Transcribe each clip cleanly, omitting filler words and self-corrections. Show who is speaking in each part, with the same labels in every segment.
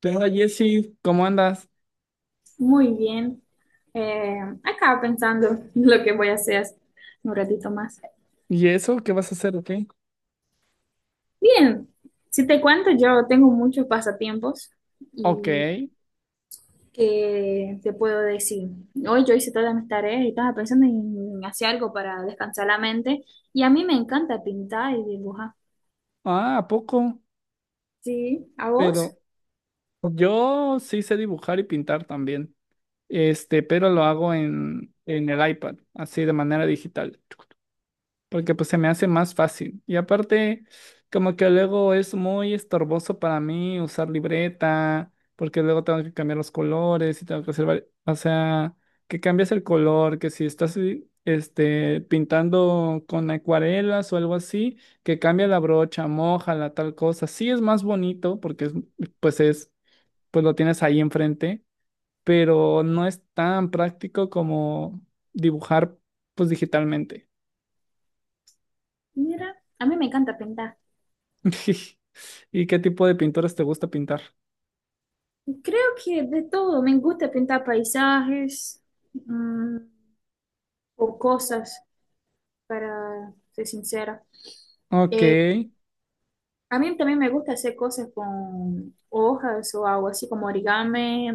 Speaker 1: ¿Qué onda, Jessy? ¿Cómo andas?
Speaker 2: Muy bien. Eh, Acaba pensando lo que voy a hacer un ratito más.
Speaker 1: ¿Y eso? ¿Qué vas a hacer? ¿Ok?
Speaker 2: Bien, si te cuento, yo tengo muchos pasatiempos
Speaker 1: Ok.
Speaker 2: y que te puedo decir, hoy yo hice todas mis tareas y estaba pensando en hacer algo para descansar la mente y a mí me encanta pintar y dibujar.
Speaker 1: Ah, ¿a poco?
Speaker 2: Sí, ¿a vos?
Speaker 1: Pero yo sí sé dibujar y pintar también. Este, pero lo hago en el iPad, así de manera digital, porque pues se me hace más fácil. Y aparte, como que luego es muy estorboso para mí usar libreta, porque luego tengo que cambiar los colores y tengo que hacer, o sea, que cambias el color, que si estás este, pintando con acuarelas o algo así, que cambia la brocha, mójala, tal cosa. Sí es más bonito porque es, pues lo tienes ahí enfrente, pero no es tan práctico como dibujar, pues digitalmente.
Speaker 2: Mira, a mí me encanta pintar.
Speaker 1: ¿Y qué tipo de pinturas te gusta pintar?
Speaker 2: Creo que de todo, me gusta pintar paisajes mm, o cosas, para ser sincera.
Speaker 1: Ok.
Speaker 2: Eh, a mí también me gusta hacer cosas con hojas o algo así como origami.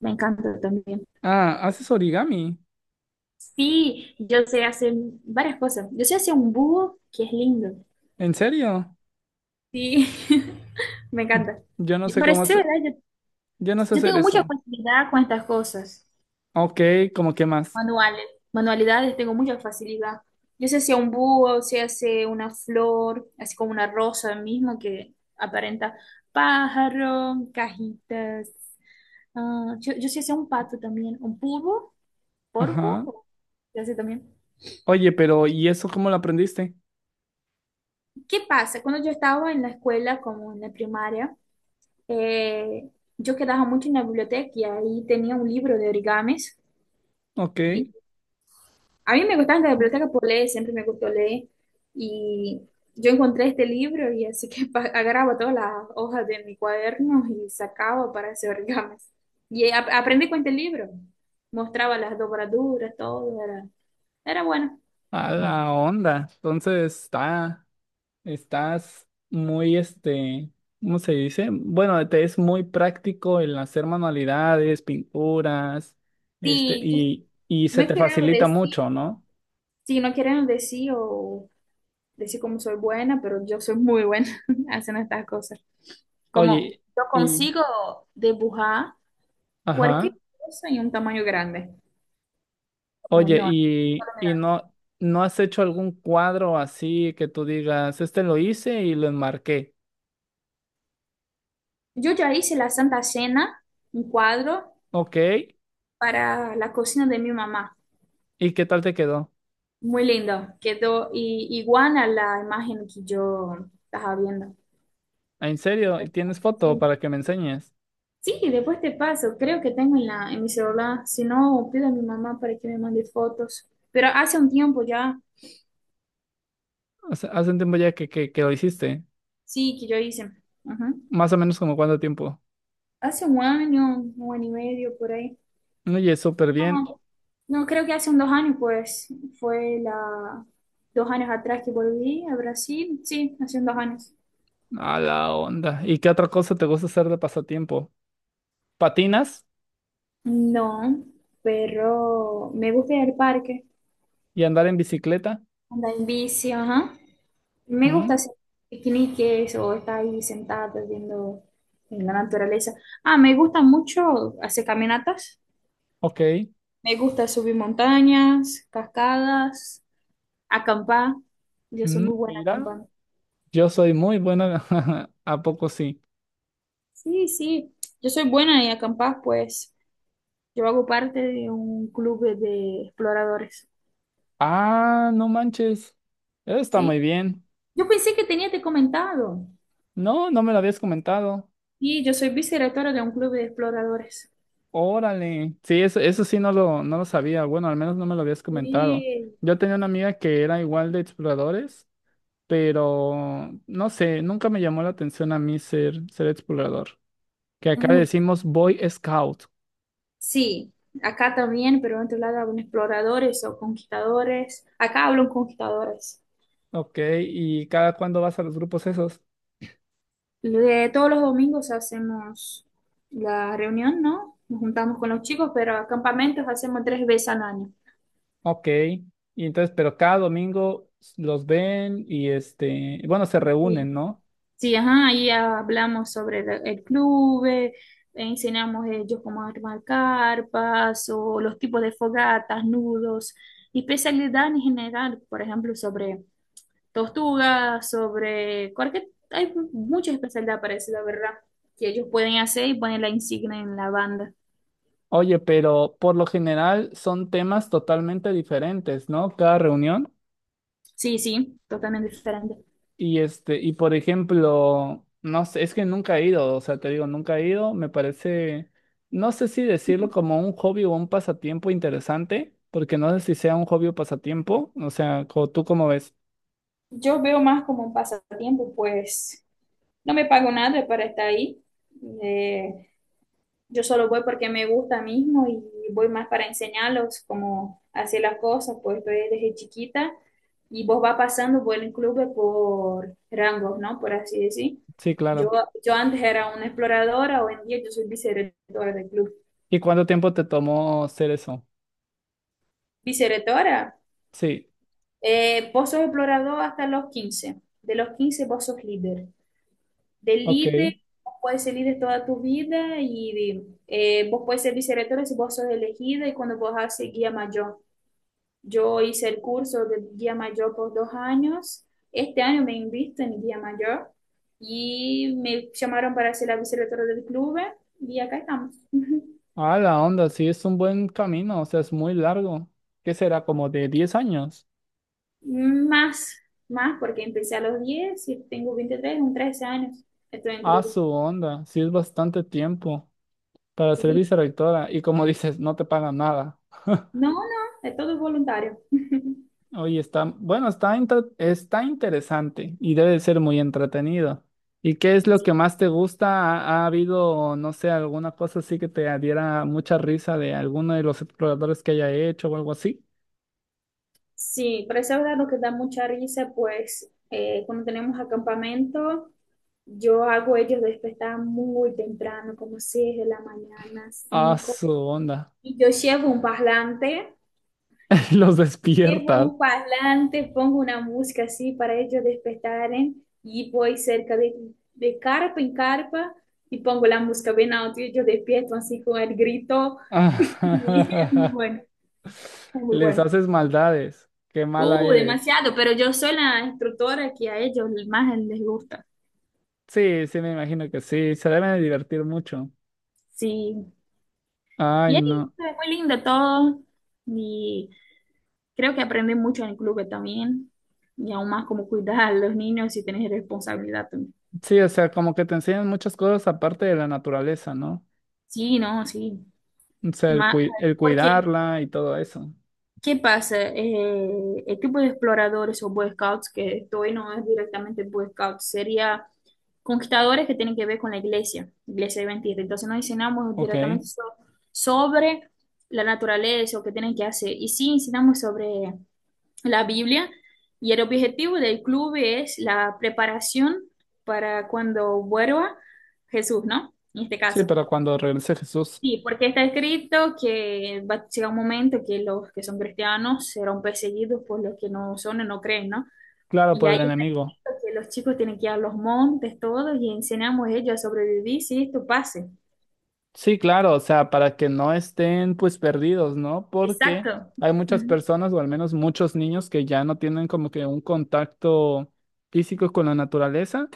Speaker 2: Me encanta también.
Speaker 1: Ah, haces origami.
Speaker 2: Sí, yo sé hacer varias cosas. Yo sé hacer un búho que es lindo.
Speaker 1: ¿En serio?
Speaker 2: Sí, me
Speaker 1: Y-
Speaker 2: encanta.
Speaker 1: Yo no sé cómo
Speaker 2: Parece
Speaker 1: hacer,
Speaker 2: verdad, yo,
Speaker 1: yo no sé
Speaker 2: yo
Speaker 1: hacer
Speaker 2: tengo mucha
Speaker 1: eso.
Speaker 2: facilidad con estas cosas.
Speaker 1: Ok, ¿cómo qué más?
Speaker 2: Manuales, Manualidades, tengo mucha facilidad. Yo sé hacer un búho, sé hacer una flor, así como una rosa mismo que aparenta pájaro, cajitas. Ah, yo sé hacer un pato también, un pulpo,
Speaker 1: Ajá.
Speaker 2: polvo, yo sé también.
Speaker 1: Oye, ¿pero y eso cómo lo aprendiste?
Speaker 2: ¿Qué pasa? Cuando yo estaba en la escuela, como en la primaria, eh, yo quedaba mucho en la biblioteca y ahí tenía un libro de origamis.
Speaker 1: Ok.
Speaker 2: Y a mí me gustaba la biblioteca por leer, siempre me gustó leer. Y yo encontré este libro y así que agarraba todas las hojas de mi cuaderno y sacaba para hacer origamis. Y aprendí con este libro. Mostraba las dobraduras, todo, era bueno.
Speaker 1: A la onda. Entonces está, estás muy este, ¿cómo se dice? Bueno, te es muy práctico el hacer manualidades, pinturas, este,
Speaker 2: Sí,
Speaker 1: y se
Speaker 2: no
Speaker 1: te
Speaker 2: queremos
Speaker 1: facilita
Speaker 2: decir,
Speaker 1: mucho, ¿no?
Speaker 2: sí, no queremos decir o decir como soy buena, pero yo soy muy buena haciendo estas cosas. Como
Speaker 1: Oye,
Speaker 2: yo
Speaker 1: y,
Speaker 2: consigo dibujar cualquier
Speaker 1: ajá,
Speaker 2: cosa en un tamaño grande, como
Speaker 1: oye,
Speaker 2: enorme. Solo
Speaker 1: y
Speaker 2: mirar.
Speaker 1: no, ¿no has hecho algún cuadro así que tú digas, este lo hice y lo enmarqué?
Speaker 2: Yo ya hice la Santa Cena, un cuadro
Speaker 1: Ok,
Speaker 2: para la cocina de mi mamá.
Speaker 1: ¿y qué tal te quedó?
Speaker 2: Muy lindo, quedó igual a la imagen que yo estaba viendo.
Speaker 1: ¿Ah, ¿En serio? ¿Tienes foto
Speaker 2: Sí.
Speaker 1: para que me enseñes?
Speaker 2: Sí, después te paso. Creo que tengo en en mi celular. Si no, pido a mi mamá para que me mande fotos. Pero hace un tiempo ya,
Speaker 1: O sea, hace un tiempo ya que, que lo hiciste,
Speaker 2: sí, que yo hice. Ajá.
Speaker 1: más o menos como cuánto tiempo.
Speaker 2: Hace un año y medio por ahí.
Speaker 1: Oye, súper bien,
Speaker 2: No, no, creo que hace un 2 años, pues, fue la 2 años atrás que volví a Brasil. Sí, hace un 2 años.
Speaker 1: a la onda. ¿Y qué otra cosa te gusta hacer de pasatiempo? ¿Patinas
Speaker 2: No, pero me gusta ir al parque,
Speaker 1: y andar en bicicleta?
Speaker 2: andar en bici, ajá. Me gusta
Speaker 1: ¿Mm?
Speaker 2: hacer piqueniques o estar ahí sentada viendo en la naturaleza. Ah, me gusta mucho hacer caminatas.
Speaker 1: Ok.
Speaker 2: Me gusta subir montañas, cascadas, acampar. Yo soy
Speaker 1: ¿Mm?
Speaker 2: muy buena
Speaker 1: Mira,
Speaker 2: acampando.
Speaker 1: yo soy muy bueno, ¿a poco sí?
Speaker 2: Sí, sí, yo soy buena en acampar, pues yo hago parte de un club de exploradores.
Speaker 1: Ah, no manches. Eso está muy
Speaker 2: Sí,
Speaker 1: bien.
Speaker 2: yo pensé que tenía te comentado.
Speaker 1: No, no me lo habías comentado.
Speaker 2: Sí, yo soy vicerectora de un club de exploradores.
Speaker 1: Órale. Sí, eso sí no lo, no lo sabía. Bueno, al menos no me lo habías comentado.
Speaker 2: Sí,
Speaker 1: Yo tenía una amiga que era igual de exploradores, pero no sé, nunca me llamó la atención a mí ser, ser explorador. Que acá le
Speaker 2: mm,
Speaker 1: decimos Boy Scout.
Speaker 2: sí, acá también, pero en otro lado hablan exploradores o conquistadores. Acá hablan conquistadores.
Speaker 1: Ok, ¿y cada cuándo vas a los grupos esos?
Speaker 2: De todos los domingos hacemos la reunión, ¿no? Nos juntamos con los chicos, pero campamentos hacemos 3 veces al año.
Speaker 1: Ok. Y entonces, pero cada domingo los ven y este, bueno, se reúnen,
Speaker 2: Sí,
Speaker 1: ¿no?
Speaker 2: sí, ajá, ahí hablamos sobre el club, enseñamos ellos cómo armar carpas o los tipos de fogatas, nudos y especialidad en general, por ejemplo, sobre tortuga, sobre cualquier. Hay mucha especialidad la ¿verdad? Que ellos pueden hacer y poner la insignia en la banda.
Speaker 1: Oye, pero por lo general son temas totalmente diferentes, ¿no? Cada reunión.
Speaker 2: Sí, sí, totalmente diferente.
Speaker 1: Y este, y por ejemplo, no sé, es que nunca he ido, o sea, te digo, nunca he ido, me parece, no sé si decirlo como un hobby o un pasatiempo interesante, porque no sé si sea un hobby o pasatiempo, o sea, ¿tú cómo ves?
Speaker 2: Yo veo más como un pasatiempo, pues no me pago nada para estar ahí. Eh, Yo solo voy porque me gusta mismo y voy más para enseñarlos cómo hacer las cosas, pues estoy desde chiquita y vos vas pasando por el club por rangos, ¿no? Por así decir.
Speaker 1: Sí,
Speaker 2: Yo,
Speaker 1: claro.
Speaker 2: yo antes era una exploradora, hoy en día yo soy vicerectora del club.
Speaker 1: ¿Y cuánto tiempo te tomó hacer eso?
Speaker 2: Vicerectora,
Speaker 1: Sí,
Speaker 2: vos sos explorador hasta los 15. De los 15 vos sos líder. De
Speaker 1: ok.
Speaker 2: líder, vos puedes ser líder toda tu vida y vos puedes ser vicerectora si vos sos elegida y cuando vos seguir guía mayor. Yo hice el curso de guía mayor por 2 años. Este año me invitan en guía mayor y me llamaron para ser la vicerectora del club y acá estamos.
Speaker 1: Ah, la onda, sí, es un buen camino, o sea, es muy largo. ¿Qué será? ¿Como de 10 años?
Speaker 2: Más, más porque empecé a los 10 y tengo 23 son 13 años. Estoy en
Speaker 1: A
Speaker 2: club.
Speaker 1: su onda, sí es bastante tiempo para ser
Speaker 2: Sí.
Speaker 1: vicerectora y como dices, no te pagan nada.
Speaker 2: No, no, es todo voluntario.
Speaker 1: Oye, está, bueno, está, está interesante y debe ser muy entretenido. ¿Y qué es lo que más te gusta? Ha habido, no sé, alguna cosa así que te diera mucha risa de alguno de los exploradores que haya hecho o algo así?
Speaker 2: Sí, pero esa verdad lo que da mucha risa, pues cuando tenemos acampamento, yo hago ellos despertar muy temprano, como 6 de la mañana,
Speaker 1: A
Speaker 2: 5.
Speaker 1: su onda,
Speaker 2: Y yo llevo un parlante,
Speaker 1: los despiertas.
Speaker 2: pongo una música así para ellos despertaren y voy cerca de carpa en carpa y pongo la música bien alto y ellos despiertan así con el grito. Y es muy bueno, es muy
Speaker 1: Les
Speaker 2: bueno.
Speaker 1: haces maldades, qué mala eres.
Speaker 2: Demasiado, pero yo soy la instructora que a ellos más les gusta.
Speaker 1: Sí, sí, me imagino que sí, se deben de divertir mucho.
Speaker 2: Sí,
Speaker 1: Ay,
Speaker 2: y ahí
Speaker 1: no.
Speaker 2: fue muy lindo todo. Y creo que aprendí mucho en el club también. Y aún más cómo cuidar a los niños y tener responsabilidad también.
Speaker 1: Sí, o sea, como que te enseñan muchas cosas aparte de la naturaleza, ¿no?
Speaker 2: Sí, no, sí.
Speaker 1: O sea, el,
Speaker 2: Ma-
Speaker 1: el
Speaker 2: Porque,
Speaker 1: cuidarla y todo eso.
Speaker 2: ¿qué pasa? El tipo de exploradores o Boy Scouts que estoy no es directamente Boy Scouts, sería conquistadores que tienen que ver con la iglesia, iglesia adventista. Entonces no enseñamos
Speaker 1: Ok.
Speaker 2: directamente sobre la naturaleza o qué tienen que hacer, y sí enseñamos sobre la Biblia. Y el objetivo del club es la preparación para cuando vuelva Jesús, ¿no? En este
Speaker 1: Sí,
Speaker 2: caso.
Speaker 1: pero cuando regrese Jesús,
Speaker 2: Sí, porque está escrito que va a llegar un momento que los que son cristianos serán perseguidos por los que no son o no creen, ¿no?
Speaker 1: claro,
Speaker 2: Y
Speaker 1: por
Speaker 2: ahí
Speaker 1: el
Speaker 2: está
Speaker 1: enemigo.
Speaker 2: escrito que los chicos tienen que ir a los montes, todos, y enseñamos a ellos a sobrevivir si esto pase.
Speaker 1: Sí, claro, o sea, para que no estén pues perdidos, ¿no? Porque
Speaker 2: Exacto.
Speaker 1: hay muchas
Speaker 2: Ujú.
Speaker 1: personas, o al menos muchos niños, que ya no tienen como que un contacto físico con la naturaleza,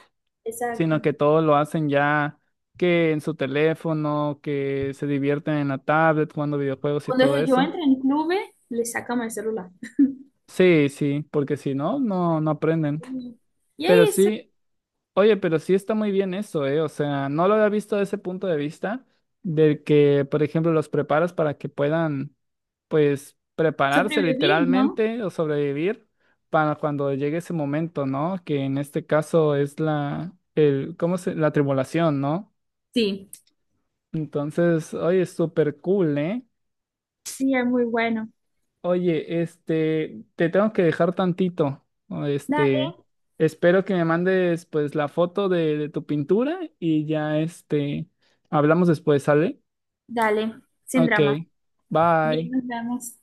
Speaker 1: sino
Speaker 2: Exacto.
Speaker 1: que todo lo hacen ya que en su teléfono, que se divierten en la tablet jugando videojuegos y
Speaker 2: Cuando
Speaker 1: todo
Speaker 2: ellos yo
Speaker 1: eso.
Speaker 2: entro en clubes, les sacamos el celular.
Speaker 1: Sí, sí, porque si no, no aprenden.
Speaker 2: Sí. Y
Speaker 1: Pero
Speaker 2: ahí
Speaker 1: sí, oye, pero sí está muy bien eso, ¿eh? O sea, no lo había visto desde ese punto de vista, del que, por ejemplo, los preparas para que puedan, pues, prepararse
Speaker 2: sobreviví, ¿no?
Speaker 1: literalmente o sobrevivir para cuando llegue ese momento, ¿no? Que en este caso es la, el, ¿cómo se? La tribulación, ¿no?
Speaker 2: Sí,
Speaker 1: Entonces, oye, es súper cool, ¿eh?
Speaker 2: sí, es muy bueno.
Speaker 1: Oye, este, te tengo que dejar tantito. O Este,
Speaker 2: Dale,
Speaker 1: espero que me mandes pues la foto de tu pintura y ya este, hablamos después, ¿sale?
Speaker 2: dale, sin
Speaker 1: Ok,
Speaker 2: drama. Bien,
Speaker 1: bye.
Speaker 2: nos vemos.